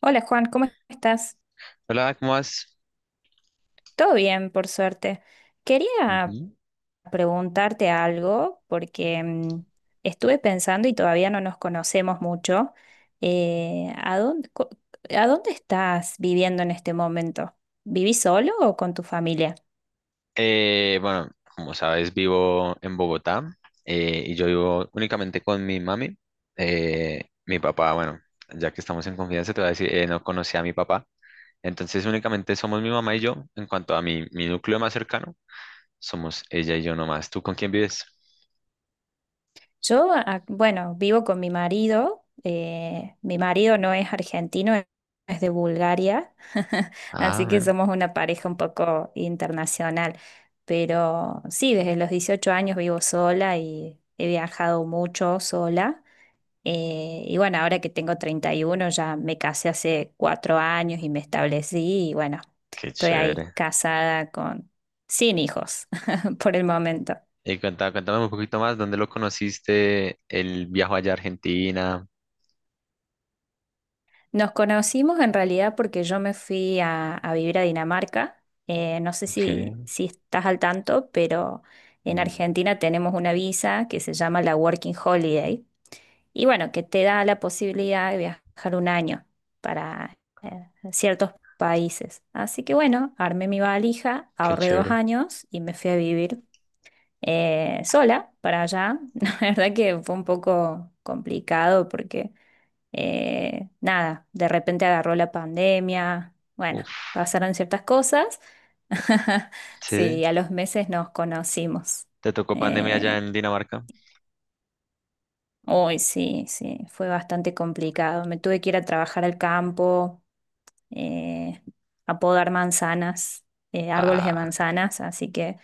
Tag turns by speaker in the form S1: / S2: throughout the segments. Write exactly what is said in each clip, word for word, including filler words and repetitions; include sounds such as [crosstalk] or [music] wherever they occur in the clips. S1: Hola Juan, ¿cómo estás?
S2: Hola, ¿cómo vas?
S1: Todo bien, por suerte. Quería
S2: Ujú.
S1: preguntarte algo porque mm, estuve pensando y todavía no nos conocemos mucho. Eh, ¿a dónde, co- a dónde estás viviendo en este momento? ¿Vivís solo o con tu familia?
S2: Eh, bueno, como sabes, vivo en Bogotá eh, y yo vivo únicamente con mi mami. Eh, mi papá, bueno, ya que estamos en confianza, te voy a decir, eh, no conocí a mi papá. Entonces, únicamente somos mi mamá y yo. En cuanto a mi, mi núcleo más cercano, somos ella y yo nomás. ¿Tú con quién vives?
S1: Yo, a- bueno, vivo con mi marido. Eh, mi marido no es argentino, e-, es de Bulgaria, [laughs]
S2: Ah,
S1: así que
S2: bueno,
S1: somos una pareja un poco internacional. Pero sí, desde los dieciocho años vivo sola y he viajado mucho sola. Eh, y bueno, ahora que tengo treinta y uno ya me casé hace cuatro años y me establecí y bueno,
S2: qué
S1: estoy ahí
S2: chévere.
S1: casada con, sin hijos [laughs] por el momento.
S2: Y cuenta- cuéntame un poquito más, ¿dónde lo conociste? El viaje allá a Argentina.
S1: Nos conocimos en realidad porque yo me fui a, a vivir a Dinamarca. Eh, no sé
S2: Ok,
S1: si, si estás al tanto, pero en
S2: mm,
S1: Argentina tenemos una visa que se llama la Working Holiday y bueno, que te da la posibilidad de viajar un año para eh, ciertos países. Así que bueno, armé mi valija,
S2: qué
S1: ahorré dos
S2: chévere.
S1: años y me fui a vivir eh, sola para allá. [laughs] La verdad que fue un poco complicado porque... Eh, nada, de repente agarró la pandemia, bueno,
S2: Uf,
S1: pasaron ciertas cosas. [laughs]
S2: sí.
S1: Sí, a los meses nos conocimos.
S2: ¿Te tocó pandemia allá
S1: Eh,
S2: en Dinamarca?
S1: Uy, sí, sí, fue bastante complicado. Me tuve que ir a trabajar al campo, eh, a podar manzanas, eh, árboles de
S2: Ah,
S1: manzanas, así que...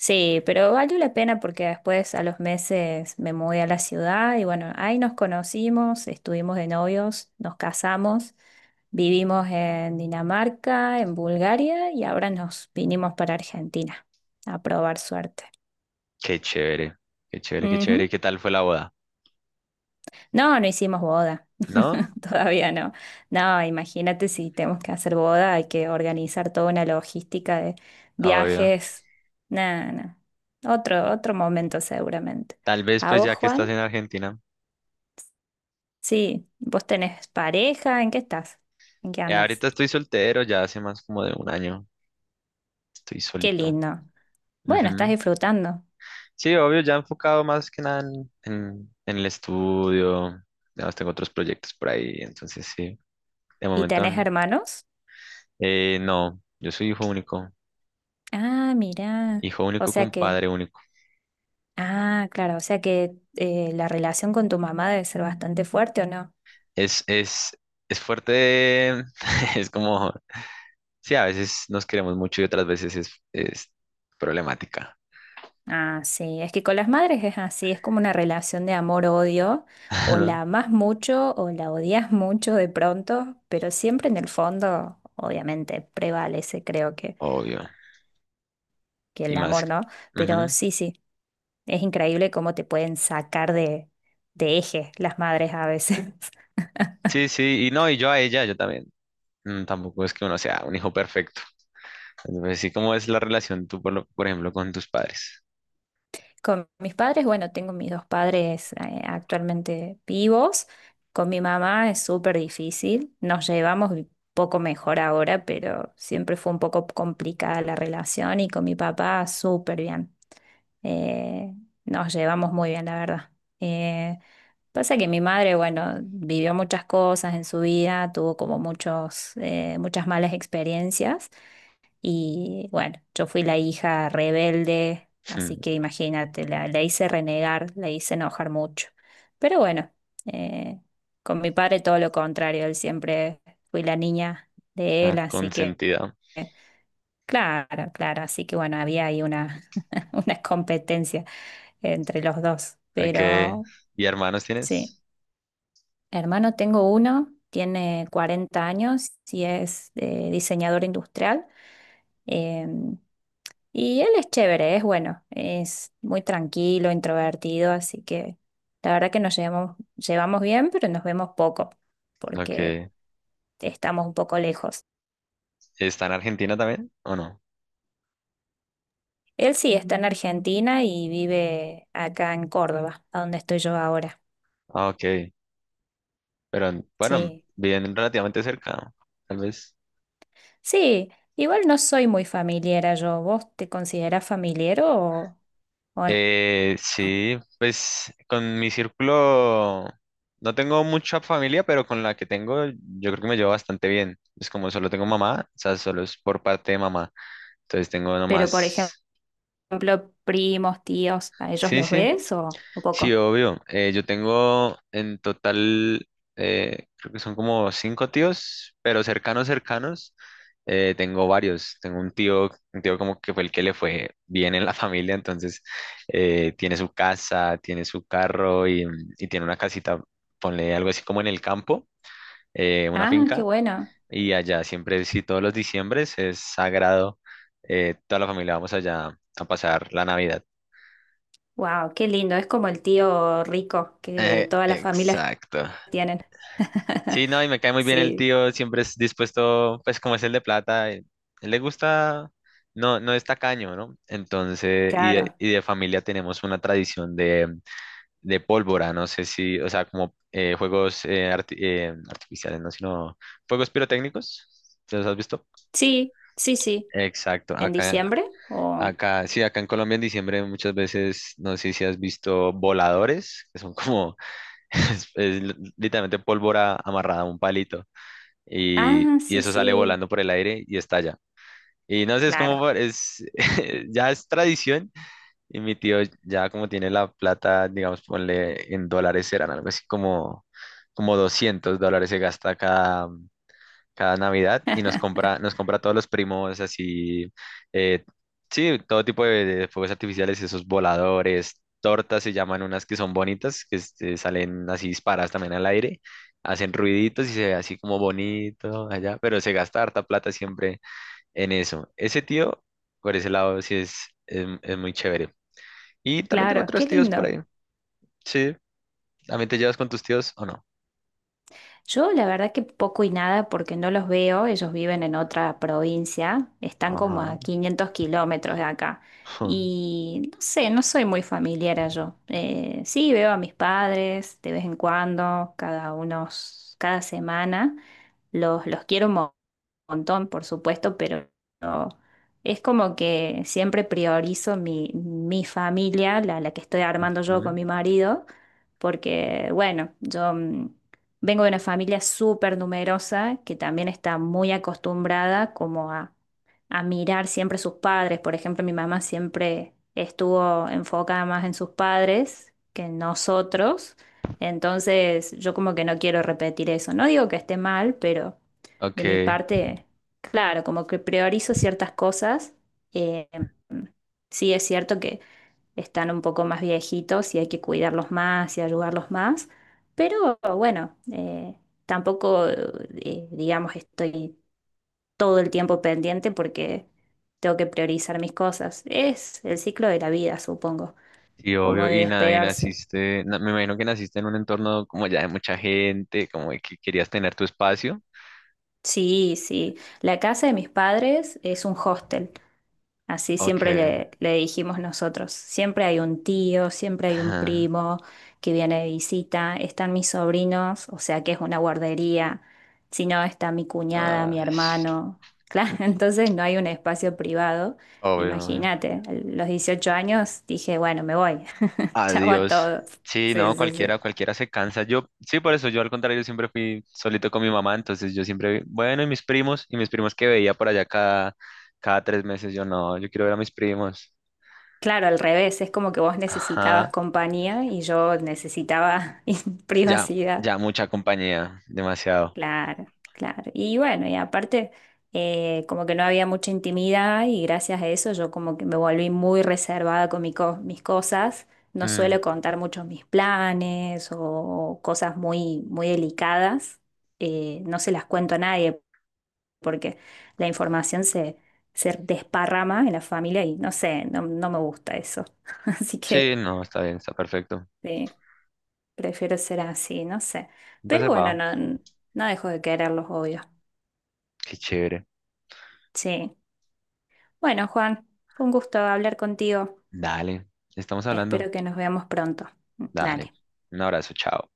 S1: Sí, pero valió la pena porque después a los meses me mudé a la ciudad y bueno, ahí nos conocimos, estuvimos de novios, nos casamos, vivimos en Dinamarca, en Bulgaria y ahora nos vinimos para Argentina a probar suerte.
S2: qué chévere, qué chévere, qué chévere. ¿Y
S1: Ujú.
S2: qué tal fue la boda?
S1: No, no hicimos boda,
S2: ¿No?
S1: [laughs] todavía no. No, imagínate si tenemos que hacer boda, hay que organizar toda una logística de
S2: Obvio.
S1: viajes. Nada, no. Otro, otro momento seguramente.
S2: Tal vez
S1: ¿A
S2: pues
S1: vos,
S2: ya que
S1: Juan?
S2: estás en Argentina.
S1: Sí, vos tenés pareja, ¿en qué estás? ¿En qué
S2: Eh,
S1: andas?
S2: ahorita estoy soltero, ya hace más como de un año. Estoy
S1: Qué
S2: solito.
S1: lindo. Bueno, estás
S2: Ujú.
S1: disfrutando.
S2: Sí, obvio, ya enfocado más que nada en, en- en el estudio. Además tengo otros proyectos por ahí, entonces sí. De
S1: ¿Y
S2: momento,
S1: tenés
S2: n-
S1: hermanos?
S2: eh, no, yo soy hijo único.
S1: Ah, mirá.
S2: Hijo
S1: O
S2: único
S1: sea
S2: con
S1: que,
S2: padre único.
S1: ah, claro, o sea que eh, la relación con tu mamá debe ser bastante fuerte, ¿o no?
S2: Es, es, es fuerte, [laughs] es como. Sí, a veces nos queremos mucho y otras veces es, es problemática.
S1: Ah, sí, es que con las madres es así, es como una relación de amor-odio, o la
S2: [laughs]
S1: amas mucho o la odias mucho de pronto, pero siempre en el fondo, obviamente, prevalece, creo que,
S2: Obvio.
S1: que
S2: Y
S1: el
S2: más.
S1: amor, ¿no? Pero
S2: Ujú.
S1: sí, sí. Es increíble cómo te pueden sacar de, de eje las madres a veces. [laughs]
S2: Sí, sí, y no, y yo a ella, yo también. Mm, tampoco es que uno sea un hijo perfecto. Entonces, sí, ¿cómo es la relación tú, por, lo- por ejemplo, con tus padres?
S1: Con mis padres, bueno, tengo mis dos padres eh, actualmente vivos. Con mi mamá es súper difícil. Nos llevamos un poco mejor ahora, pero siempre fue un poco complicada la relación y con mi papá súper bien. Eh, Nos llevamos muy bien, la verdad. Eh, Pasa que mi madre, bueno, vivió muchas cosas en su vida, tuvo como muchos, eh, muchas malas experiencias y bueno, yo fui la hija rebelde,
S2: [laughs]
S1: así
S2: Mm,
S1: que imagínate, la, la hice renegar, la hice enojar mucho. Pero bueno, eh, con mi padre todo lo contrario, él siempre fui la niña de él,
S2: ah,
S1: así que
S2: consentida.
S1: claro, claro, así que bueno, había ahí una, [laughs] una competencia entre los dos.
S2: Okay.
S1: Pero
S2: ¿Y hermanos
S1: sí,
S2: tienes?
S1: hermano, tengo uno, tiene cuarenta años y es eh, diseñador industrial. em, y él es chévere, es bueno, es muy tranquilo, introvertido, así que la verdad que nos llevamos, llevamos bien, pero nos vemos poco, porque
S2: Okay.
S1: estamos un poco lejos.
S2: ¿Está en Argentina también o no?
S1: Él sí está en Argentina y vive acá en Córdoba, a donde estoy yo ahora.
S2: Ah, ok. Pero bueno,
S1: Sí.
S2: viven relativamente cerca, ¿no? Tal vez.
S1: Sí, igual no soy muy familiera yo. ¿Vos te considerás familiar o, o no?
S2: Eh, sí, pues con mi círculo no tengo mucha familia, pero con la que tengo yo creo que me llevo bastante bien. Es como solo tengo mamá, o sea, solo es por parte de mamá. Entonces tengo
S1: Pero, por ejemplo,
S2: nomás,
S1: primos, tíos, ¿a ellos
S2: sí,
S1: los
S2: sí,
S1: ves o, o
S2: sí,
S1: poco?
S2: obvio. Eh, yo tengo en total, eh, creo que son como cinco tíos, pero cercanos, cercanos, eh, tengo varios. Tengo un tío, un tío como que fue el que le fue bien en la [laughs] familia, entonces eh, tiene su casa, tiene su carro y, y tiene una casita, ponle algo así como en el campo, eh, una
S1: Ah, qué
S2: finca,
S1: bueno.
S2: y allá siempre, sí, todos los diciembres es sagrado, eh, toda la familia vamos allá a pasar la Navidad.
S1: Wow, qué lindo. Es como el tío rico que
S2: Eh,
S1: todas las familias
S2: exacto.
S1: tienen. [laughs]
S2: Sí, no, y me cae muy bien el
S1: Sí,
S2: tío, siempre es dispuesto, pues como es el de plata, eh, él, le gusta, no, no es tacaño, ¿no? Entonces, y de,
S1: claro.
S2: y de familia tenemos una tradición de, de pólvora, no sé si, o sea, como eh, juegos eh, arti- eh, artificiales, no, sino juegos pirotécnicos, ¿te los has visto?
S1: Sí, sí, sí.
S2: Exacto,
S1: ¿En
S2: acá,
S1: diciembre? O...
S2: acá, sí, acá en Colombia en diciembre muchas veces, no sé si has visto voladores, que son como, [laughs] es- es literalmente pólvora amarrada a un palito y,
S1: Ah,
S2: y
S1: sí,
S2: eso sale
S1: sí.
S2: volando por el aire y estalla. Y no sé, es como,
S1: Claro.
S2: por- es, [laughs] ya es tradición y mi tío ya como tiene la plata, digamos, ponle en dólares, serán algo así como, como doscientos dólares se gasta cada, cada Navidad y nos compra,
S1: [laughs]
S2: nos compra a todos los primos así, eh, sí, todo tipo de, de fuegos artificiales, esos voladores, tortas se llaman unas que son bonitas, que este, salen así disparadas también al aire, hacen ruiditos y se ve así como bonito allá, pero se gasta harta plata siempre en eso. Ese tío, por ese lado, sí es, es, es muy chévere. Y también tengo
S1: Claro,
S2: otros
S1: qué
S2: tíos por
S1: lindo.
S2: ahí, sí, ¿también te llevas con tus tíos o no?
S1: Yo la verdad que poco y nada porque no los veo, ellos viven en otra provincia, están como a
S2: Ajá.
S1: quinientos kilómetros de acá
S2: [laughs]
S1: y no sé, no soy muy familiar yo. Eh, sí, veo a mis padres de vez en cuando, cada unos, cada semana, los, los quiero montón, por supuesto, pero es como que siempre priorizo mi, mi familia, la, la que estoy armando yo con
S2: Ujú.
S1: mi marido, porque, bueno, yo mm, vengo de una familia súper numerosa que también está muy acostumbrada como a, a mirar siempre sus padres. Por ejemplo, mi mamá siempre estuvo enfocada más en sus padres que en nosotros. Entonces, yo como que no quiero repetir eso. No digo que esté mal, pero
S2: Ok.
S1: de mi parte, claro, como que priorizo ciertas cosas. eh, sí es cierto que están un poco más viejitos y hay que cuidarlos más y ayudarlos más, pero bueno, eh, tampoco, eh, digamos, estoy todo el tiempo pendiente porque tengo que priorizar mis cosas. Es el ciclo de la vida, supongo,
S2: Sí,
S1: como
S2: obvio,
S1: de
S2: y nada, y
S1: despegarse.
S2: naciste, na- me imagino que naciste en un entorno como ya de mucha gente, como de que querías tener tu espacio.
S1: Sí, sí. La casa de mis padres es un hostel. Así
S2: Ok.
S1: siempre le, le dijimos nosotros. Siempre hay un tío, siempre hay un
S2: Ajá.
S1: primo que viene de visita. Están mis sobrinos, o sea que es una guardería. Si no, está mi cuñada,
S2: Ah,
S1: mi hermano. Claro, [laughs] entonces no hay un espacio privado.
S2: obvio, obvio.
S1: Imagínate, a los dieciocho años dije, bueno, me voy. [laughs] Chao a
S2: Adiós.
S1: todos.
S2: Sí,
S1: Sí,
S2: no,
S1: sí, sí.
S2: cualquiera, cualquiera se cansa. Yo, sí, por eso, yo al contrario, yo siempre fui solito con mi mamá, entonces yo siempre, bueno, y mis primos, y mis primos que veía por allá cada, cada tres meses, yo no, yo quiero ver a mis primos.
S1: Claro, al revés, es como que vos necesitabas
S2: Ajá,
S1: compañía y yo necesitaba [laughs]
S2: ya,
S1: privacidad.
S2: ya mucha compañía, demasiado.
S1: Claro, claro. Y bueno, y aparte, eh, como que no había mucha intimidad y gracias a eso yo como que me volví muy reservada con mi co- mis cosas. No
S2: Mm,
S1: suelo contar muchos mis planes o cosas muy, muy delicadas. Eh, no se las cuento a nadie porque la información se, se desparrama en la familia y no sé, no, no me gusta eso. [laughs] Así que
S2: sí, no, está bien, está perfecto.
S1: sí, prefiero ser así, no sé. Pero
S2: Entonces
S1: bueno,
S2: va.
S1: no, no dejo de quererlos, obvio.
S2: Qué chévere.
S1: Sí. Bueno, Juan, fue un gusto hablar contigo.
S2: Dale, estamos hablando.
S1: Espero que nos veamos pronto.
S2: Dale,
S1: Dale.
S2: un abrazo, chao.